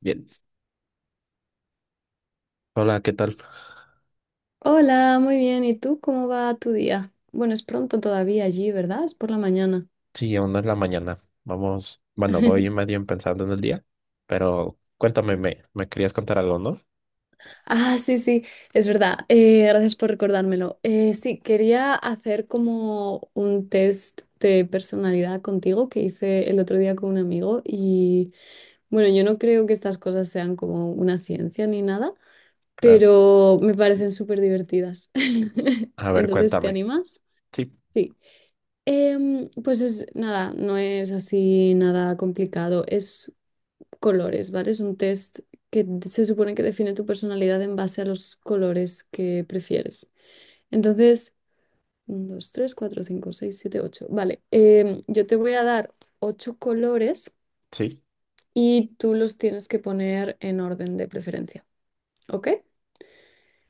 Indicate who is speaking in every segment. Speaker 1: Bien. Hola, ¿qué tal?
Speaker 2: Hola, muy bien. ¿Y tú cómo va tu día? Bueno, es pronto todavía allí, ¿verdad? Es por la mañana.
Speaker 1: Sí, aún no es la mañana. Vamos, bueno, voy medio pensando en el día, pero cuéntame, me querías contar algo, ¿no?
Speaker 2: Ah, sí, sí, es verdad. Gracias por recordármelo. Sí, quería hacer como un test de personalidad contigo que hice el otro día con un amigo y bueno, yo no creo que estas cosas sean como una ciencia ni nada,
Speaker 1: Claro.
Speaker 2: pero me parecen súper divertidas.
Speaker 1: A ver,
Speaker 2: Entonces, ¿te
Speaker 1: cuéntame.
Speaker 2: animas?
Speaker 1: Sí,
Speaker 2: Sí. Pues es nada, no es así nada complicado, es colores, ¿vale? Es un test que se supone que define tu personalidad en base a los colores que prefieres. Entonces, 1, 2, 3, 4, 5, 6, 7, 8. Vale, yo te voy a dar ocho colores
Speaker 1: sí.
Speaker 2: y tú los tienes que poner en orden de preferencia, ¿ok?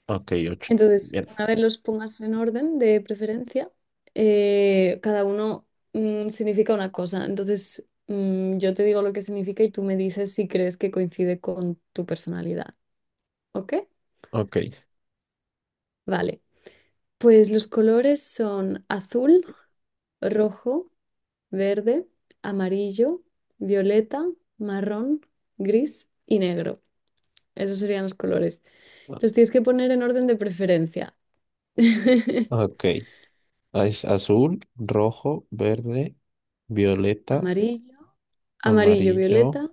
Speaker 1: Ok, ocho.
Speaker 2: Entonces,
Speaker 1: Bien.
Speaker 2: una vez los pongas en orden de preferencia, cada uno significa una cosa. Entonces, yo te digo lo que significa y tú me dices si crees que coincide con tu personalidad. ¿Ok?
Speaker 1: Ok.
Speaker 2: Vale. Pues los colores son azul, rojo, verde, amarillo, violeta, marrón, gris y negro. Esos serían los colores. Los tienes que poner en orden de preferencia.
Speaker 1: Ok. Es azul, rojo, verde, violeta,
Speaker 2: Amarillo, amarillo,
Speaker 1: amarillo,
Speaker 2: violeta.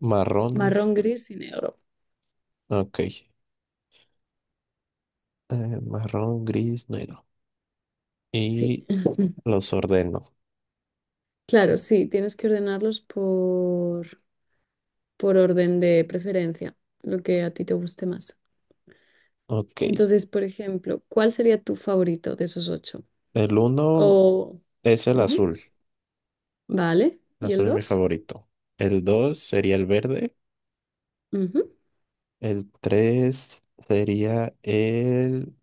Speaker 1: marrón.
Speaker 2: Marrón, gris y negro.
Speaker 1: Ok. Marrón, gris, negro.
Speaker 2: Sí.
Speaker 1: Y los ordeno.
Speaker 2: Claro, sí, tienes que ordenarlos por orden de preferencia, lo que a ti te guste más.
Speaker 1: Ok.
Speaker 2: Entonces, por ejemplo, ¿cuál sería tu favorito de esos ocho?
Speaker 1: El uno
Speaker 2: O...
Speaker 1: es el
Speaker 2: Ujú.
Speaker 1: azul.
Speaker 2: Vale.
Speaker 1: El
Speaker 2: ¿Y el
Speaker 1: azul es mi
Speaker 2: dos?
Speaker 1: favorito. El dos sería el verde.
Speaker 2: Ujú.
Speaker 1: El tres sería el,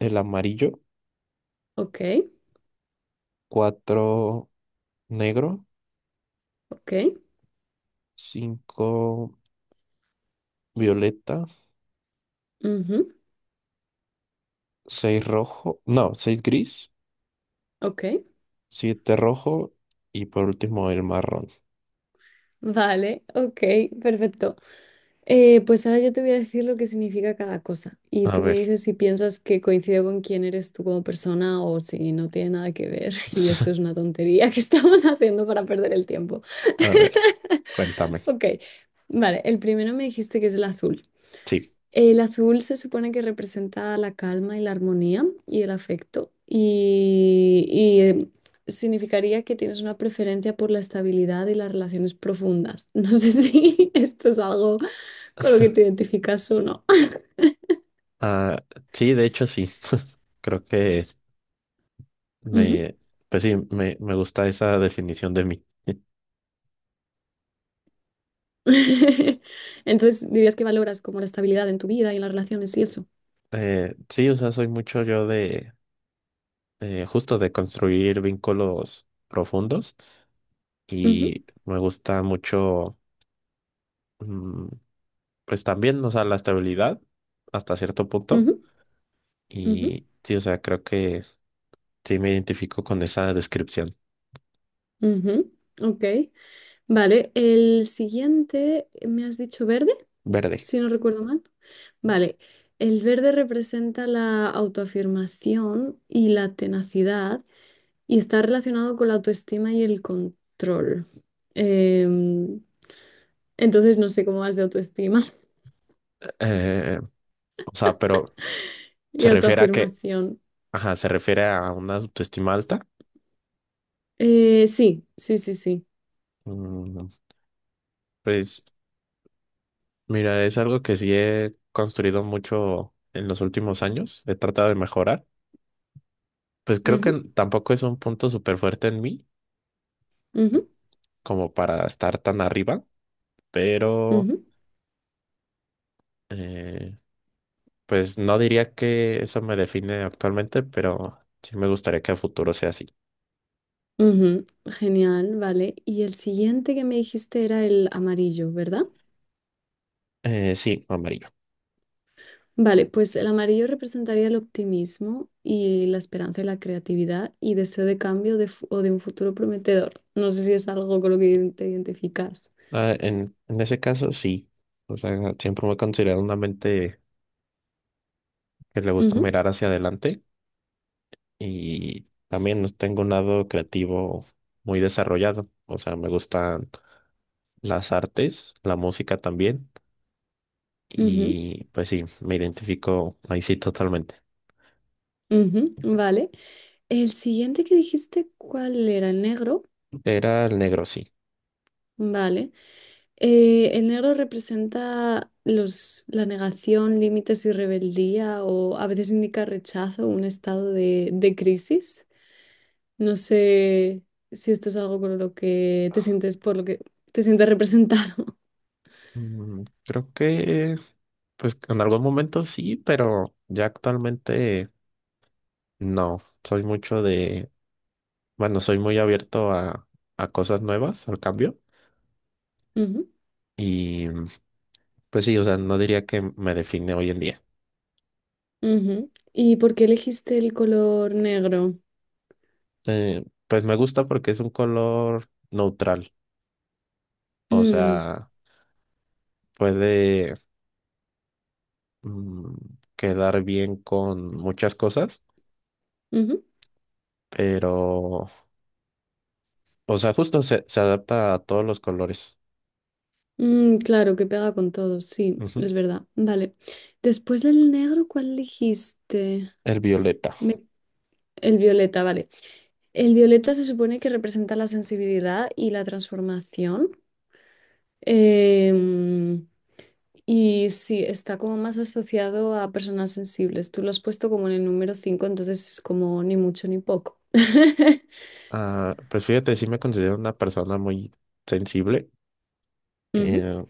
Speaker 1: el amarillo.
Speaker 2: Ok,
Speaker 1: Cuatro negro.
Speaker 2: ok,
Speaker 1: Cinco violeta.
Speaker 2: ujú,
Speaker 1: Seis rojo. No, seis gris.
Speaker 2: ok.
Speaker 1: Siete rojo. Y por último el marrón.
Speaker 2: Vale, ok, perfecto. Pues ahora yo te voy a decir lo que significa cada cosa y
Speaker 1: A
Speaker 2: tú me
Speaker 1: ver.
Speaker 2: dices si piensas que coincido con quién eres tú como persona o si no tiene nada que ver y esto es una tontería que estamos haciendo para perder el tiempo.
Speaker 1: A ver. Cuéntame.
Speaker 2: Ok, vale, el primero me dijiste que es el azul.
Speaker 1: Sí.
Speaker 2: El azul se supone que representa la calma y la armonía y el afecto y significaría que tienes una preferencia por la estabilidad y las relaciones profundas. No sé si esto es algo con lo que te identificas o no.
Speaker 1: Ah, sí, de hecho sí. Creo que
Speaker 2: Ujú.
Speaker 1: me, pues sí, me gusta esa definición de mí.
Speaker 2: Entonces dirías que valoras como la estabilidad en tu vida y en las relaciones y eso.
Speaker 1: Sí, o sea, soy mucho yo de, justo de construir vínculos profundos
Speaker 2: Ujú,
Speaker 1: y me gusta mucho, mm, pues también, o sea, la estabilidad hasta cierto punto.
Speaker 2: ujú, ujú,
Speaker 1: Y sí, o sea, creo que sí me identifico con esa descripción
Speaker 2: ujú. Ok, vale. El siguiente, me has dicho verde,
Speaker 1: verde.
Speaker 2: si no recuerdo mal. Vale, el verde representa la autoafirmación y la tenacidad y está relacionado con la autoestima y el control. Em, entonces no sé cómo vas de autoestima
Speaker 1: Eh, o sea, pero se
Speaker 2: y
Speaker 1: refiere a que
Speaker 2: autoafirmación.
Speaker 1: ajá, se refiere a una autoestima alta.
Speaker 2: Sí, sí, sí, sí.
Speaker 1: Mm, Pues mira, es algo que sí he construido mucho en los últimos años. He tratado de mejorar. Pues creo que
Speaker 2: Ujú,
Speaker 1: tampoco es un punto súper fuerte en mí
Speaker 2: ujú,
Speaker 1: como para estar tan arriba, pero
Speaker 2: ujú,
Speaker 1: eh, pues no diría que eso me define actualmente, pero sí me gustaría que a futuro sea así.
Speaker 2: ujú. Genial, vale. Y el siguiente que me dijiste era el amarillo, ¿verdad?
Speaker 1: Sí, amarillo.
Speaker 2: Vale, pues el amarillo representaría el optimismo y la esperanza y la creatividad y deseo de cambio o de un futuro prometedor. No sé si es algo con lo que te identificas.
Speaker 1: Ah, en ese caso, sí. O sea, siempre me he considerado una mente que le gusta
Speaker 2: Ujú,
Speaker 1: mirar hacia adelante y también no tengo un lado creativo muy desarrollado. O sea, me gustan las artes, la música también
Speaker 2: ujú,
Speaker 1: y pues sí, me identifico ahí sí totalmente.
Speaker 2: ujú, vale. El siguiente que dijiste, ¿cuál era? El negro.
Speaker 1: Era el negro, sí.
Speaker 2: Vale. El negro representa la negación, límites y rebeldía o a veces indica rechazo, un estado de crisis. No sé si esto es algo con lo que te sientes, por lo que te sientes representado.
Speaker 1: Creo que pues en algún momento sí, pero ya actualmente no. Soy mucho de, bueno, soy muy abierto a cosas nuevas, al cambio.
Speaker 2: Ujú,
Speaker 1: Y pues sí, o sea, no diría que me define hoy en día.
Speaker 2: ujú. ¿Y por qué elegiste el color negro?
Speaker 1: Pues me gusta porque es un color neutral, o
Speaker 2: Mm,
Speaker 1: sea, puede mm, quedar bien con muchas cosas,
Speaker 2: ujú.
Speaker 1: pero, o sea, justo se adapta a todos los colores.
Speaker 2: Claro, que pega con todo, sí,
Speaker 1: Ujú.
Speaker 2: es verdad. Vale. Después del negro, ¿cuál elegiste?
Speaker 1: El violeta.
Speaker 2: Me- El violeta, vale. El violeta se supone que representa la sensibilidad y la transformación. Em, Y sí, está como más asociado a personas sensibles. Tú lo has puesto como en el número 5 entonces es como ni mucho ni poco.
Speaker 1: Ah, pues fíjate, sí me considero una persona muy sensible.
Speaker 2: Ujú,
Speaker 1: Eh,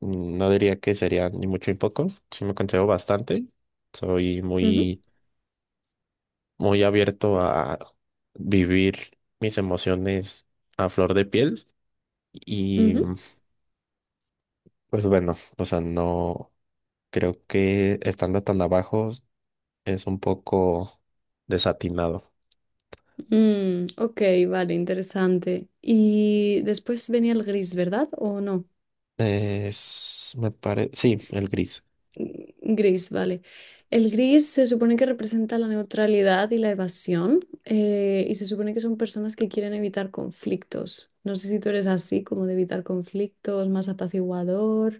Speaker 1: no diría que sería ni mucho ni poco, sí me considero bastante. Soy
Speaker 2: ujú,
Speaker 1: muy, muy abierto a vivir mis emociones a flor de piel y
Speaker 2: ujú.
Speaker 1: pues bueno, o sea, no creo que estando tan abajo es un poco desatinado.
Speaker 2: Ok, vale, interesante. Y después venía el gris, ¿verdad? ¿O no?
Speaker 1: Es, me parece, sí, el gris.
Speaker 2: Gris, vale. El gris se supone que representa la neutralidad y la evasión, y se supone que son personas que quieren evitar conflictos. No sé si tú eres así, como de evitar conflictos, más apaciguador,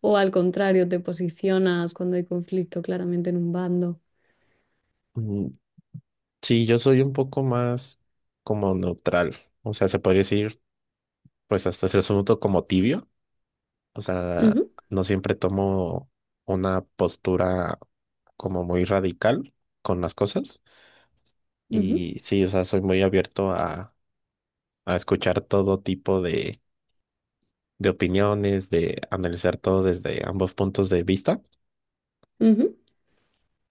Speaker 2: o al contrario, te posicionas cuando hay conflicto claramente en un bando.
Speaker 1: Mm, Sí, yo soy un poco más como neutral, o sea, se podría decir pues hasta cierto punto como tibio. O sea,
Speaker 2: Ujú,
Speaker 1: no siempre tomo una postura como muy radical con las cosas.
Speaker 2: ujú,
Speaker 1: Y sí, o sea, soy muy abierto a escuchar todo tipo de opiniones, de analizar todo desde ambos puntos de vista.
Speaker 2: ujú.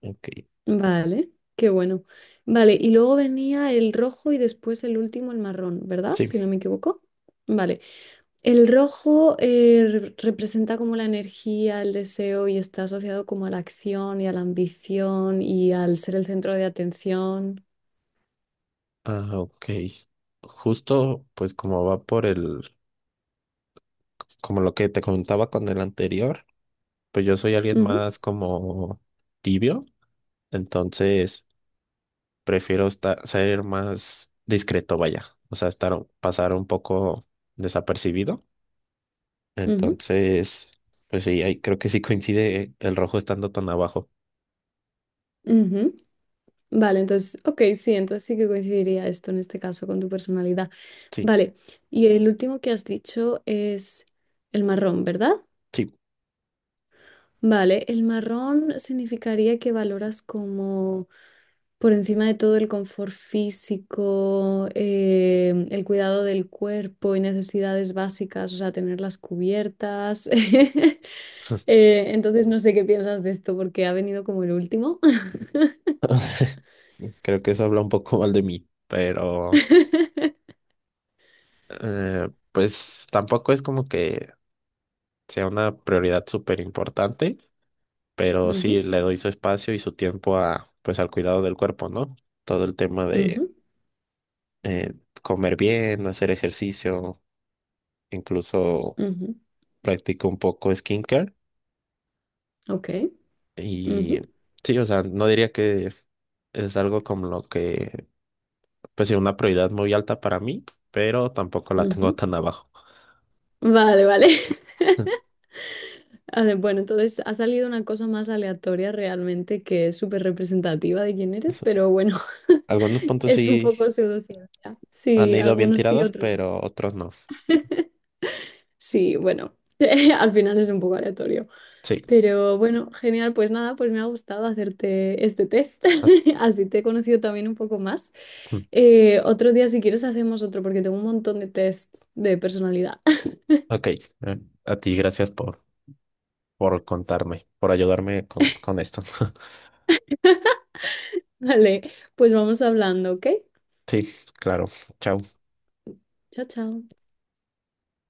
Speaker 1: Ok,
Speaker 2: Vale, qué bueno. Vale, y luego venía el rojo y después el último, el marrón, ¿verdad?
Speaker 1: sí.
Speaker 2: Si no me equivoco. Vale, el rojo representa como la energía, el deseo y está asociado como a la acción y a la ambición y al ser el centro de atención.
Speaker 1: Ah, ok. Justo, pues como va por el, como lo que te comentaba con el anterior, pues yo soy alguien
Speaker 2: Ujú,
Speaker 1: más como tibio. Entonces prefiero estar, ser más discreto, vaya. O sea, estar, pasar un poco desapercibido.
Speaker 2: ujú,
Speaker 1: Entonces, pues sí, ahí creo que sí coincide el rojo estando tan abajo.
Speaker 2: ujú. Vale, entonces, ok, sí, entonces sí que coincidiría esto en este caso con tu personalidad.
Speaker 1: Sí,
Speaker 2: Vale, y el último que has dicho es el marrón, ¿verdad?
Speaker 1: sí.
Speaker 2: Vale, el marrón significaría que valoras como por encima de todo el confort físico, el cuidado del cuerpo y necesidades básicas, o sea, tenerlas cubiertas. Entonces no sé qué piensas de esto porque ha venido como el último.
Speaker 1: Creo que eso habla un poco mal de mí, pero pues tampoco es como que sea una prioridad súper importante, pero
Speaker 2: Ujú,
Speaker 1: sí le doy su espacio y su tiempo a, pues al cuidado del cuerpo, ¿no? Todo el tema de
Speaker 2: ujú,
Speaker 1: eh, comer bien, hacer ejercicio, incluso
Speaker 2: ujú.
Speaker 1: practico un poco skincare
Speaker 2: Ok. Ujú,
Speaker 1: y sí, o sea, no diría que es algo como lo que, pues sí, una prioridad muy alta para mí, pero tampoco la tengo
Speaker 2: ujú.
Speaker 1: tan abajo.
Speaker 2: Vale, vale. A ver, bueno, entonces ha salido una cosa más aleatoria realmente que es súper representativa de quién eres, pero bueno,
Speaker 1: Algunos puntos
Speaker 2: es un
Speaker 1: sí
Speaker 2: poco pseudociencia.
Speaker 1: han
Speaker 2: Sí,
Speaker 1: ido bien
Speaker 2: algunos sí,
Speaker 1: tirados,
Speaker 2: otros no.
Speaker 1: pero otros no.
Speaker 2: Sí, bueno, al final es un poco aleatorio.
Speaker 1: Sí.
Speaker 2: Pero bueno, genial, pues nada, pues me ha gustado hacerte este test.
Speaker 1: A-
Speaker 2: Así te he conocido también un poco más.
Speaker 1: mm,
Speaker 2: Otro día, si quieres, hacemos otro porque tengo un montón de tests de personalidad.
Speaker 1: Ok. A ti, gracias por contarme, por ayudarme con esto.
Speaker 2: Vale, pues vamos hablando, ¿ok?
Speaker 1: Sí, claro. Chao.
Speaker 2: Chao, chao.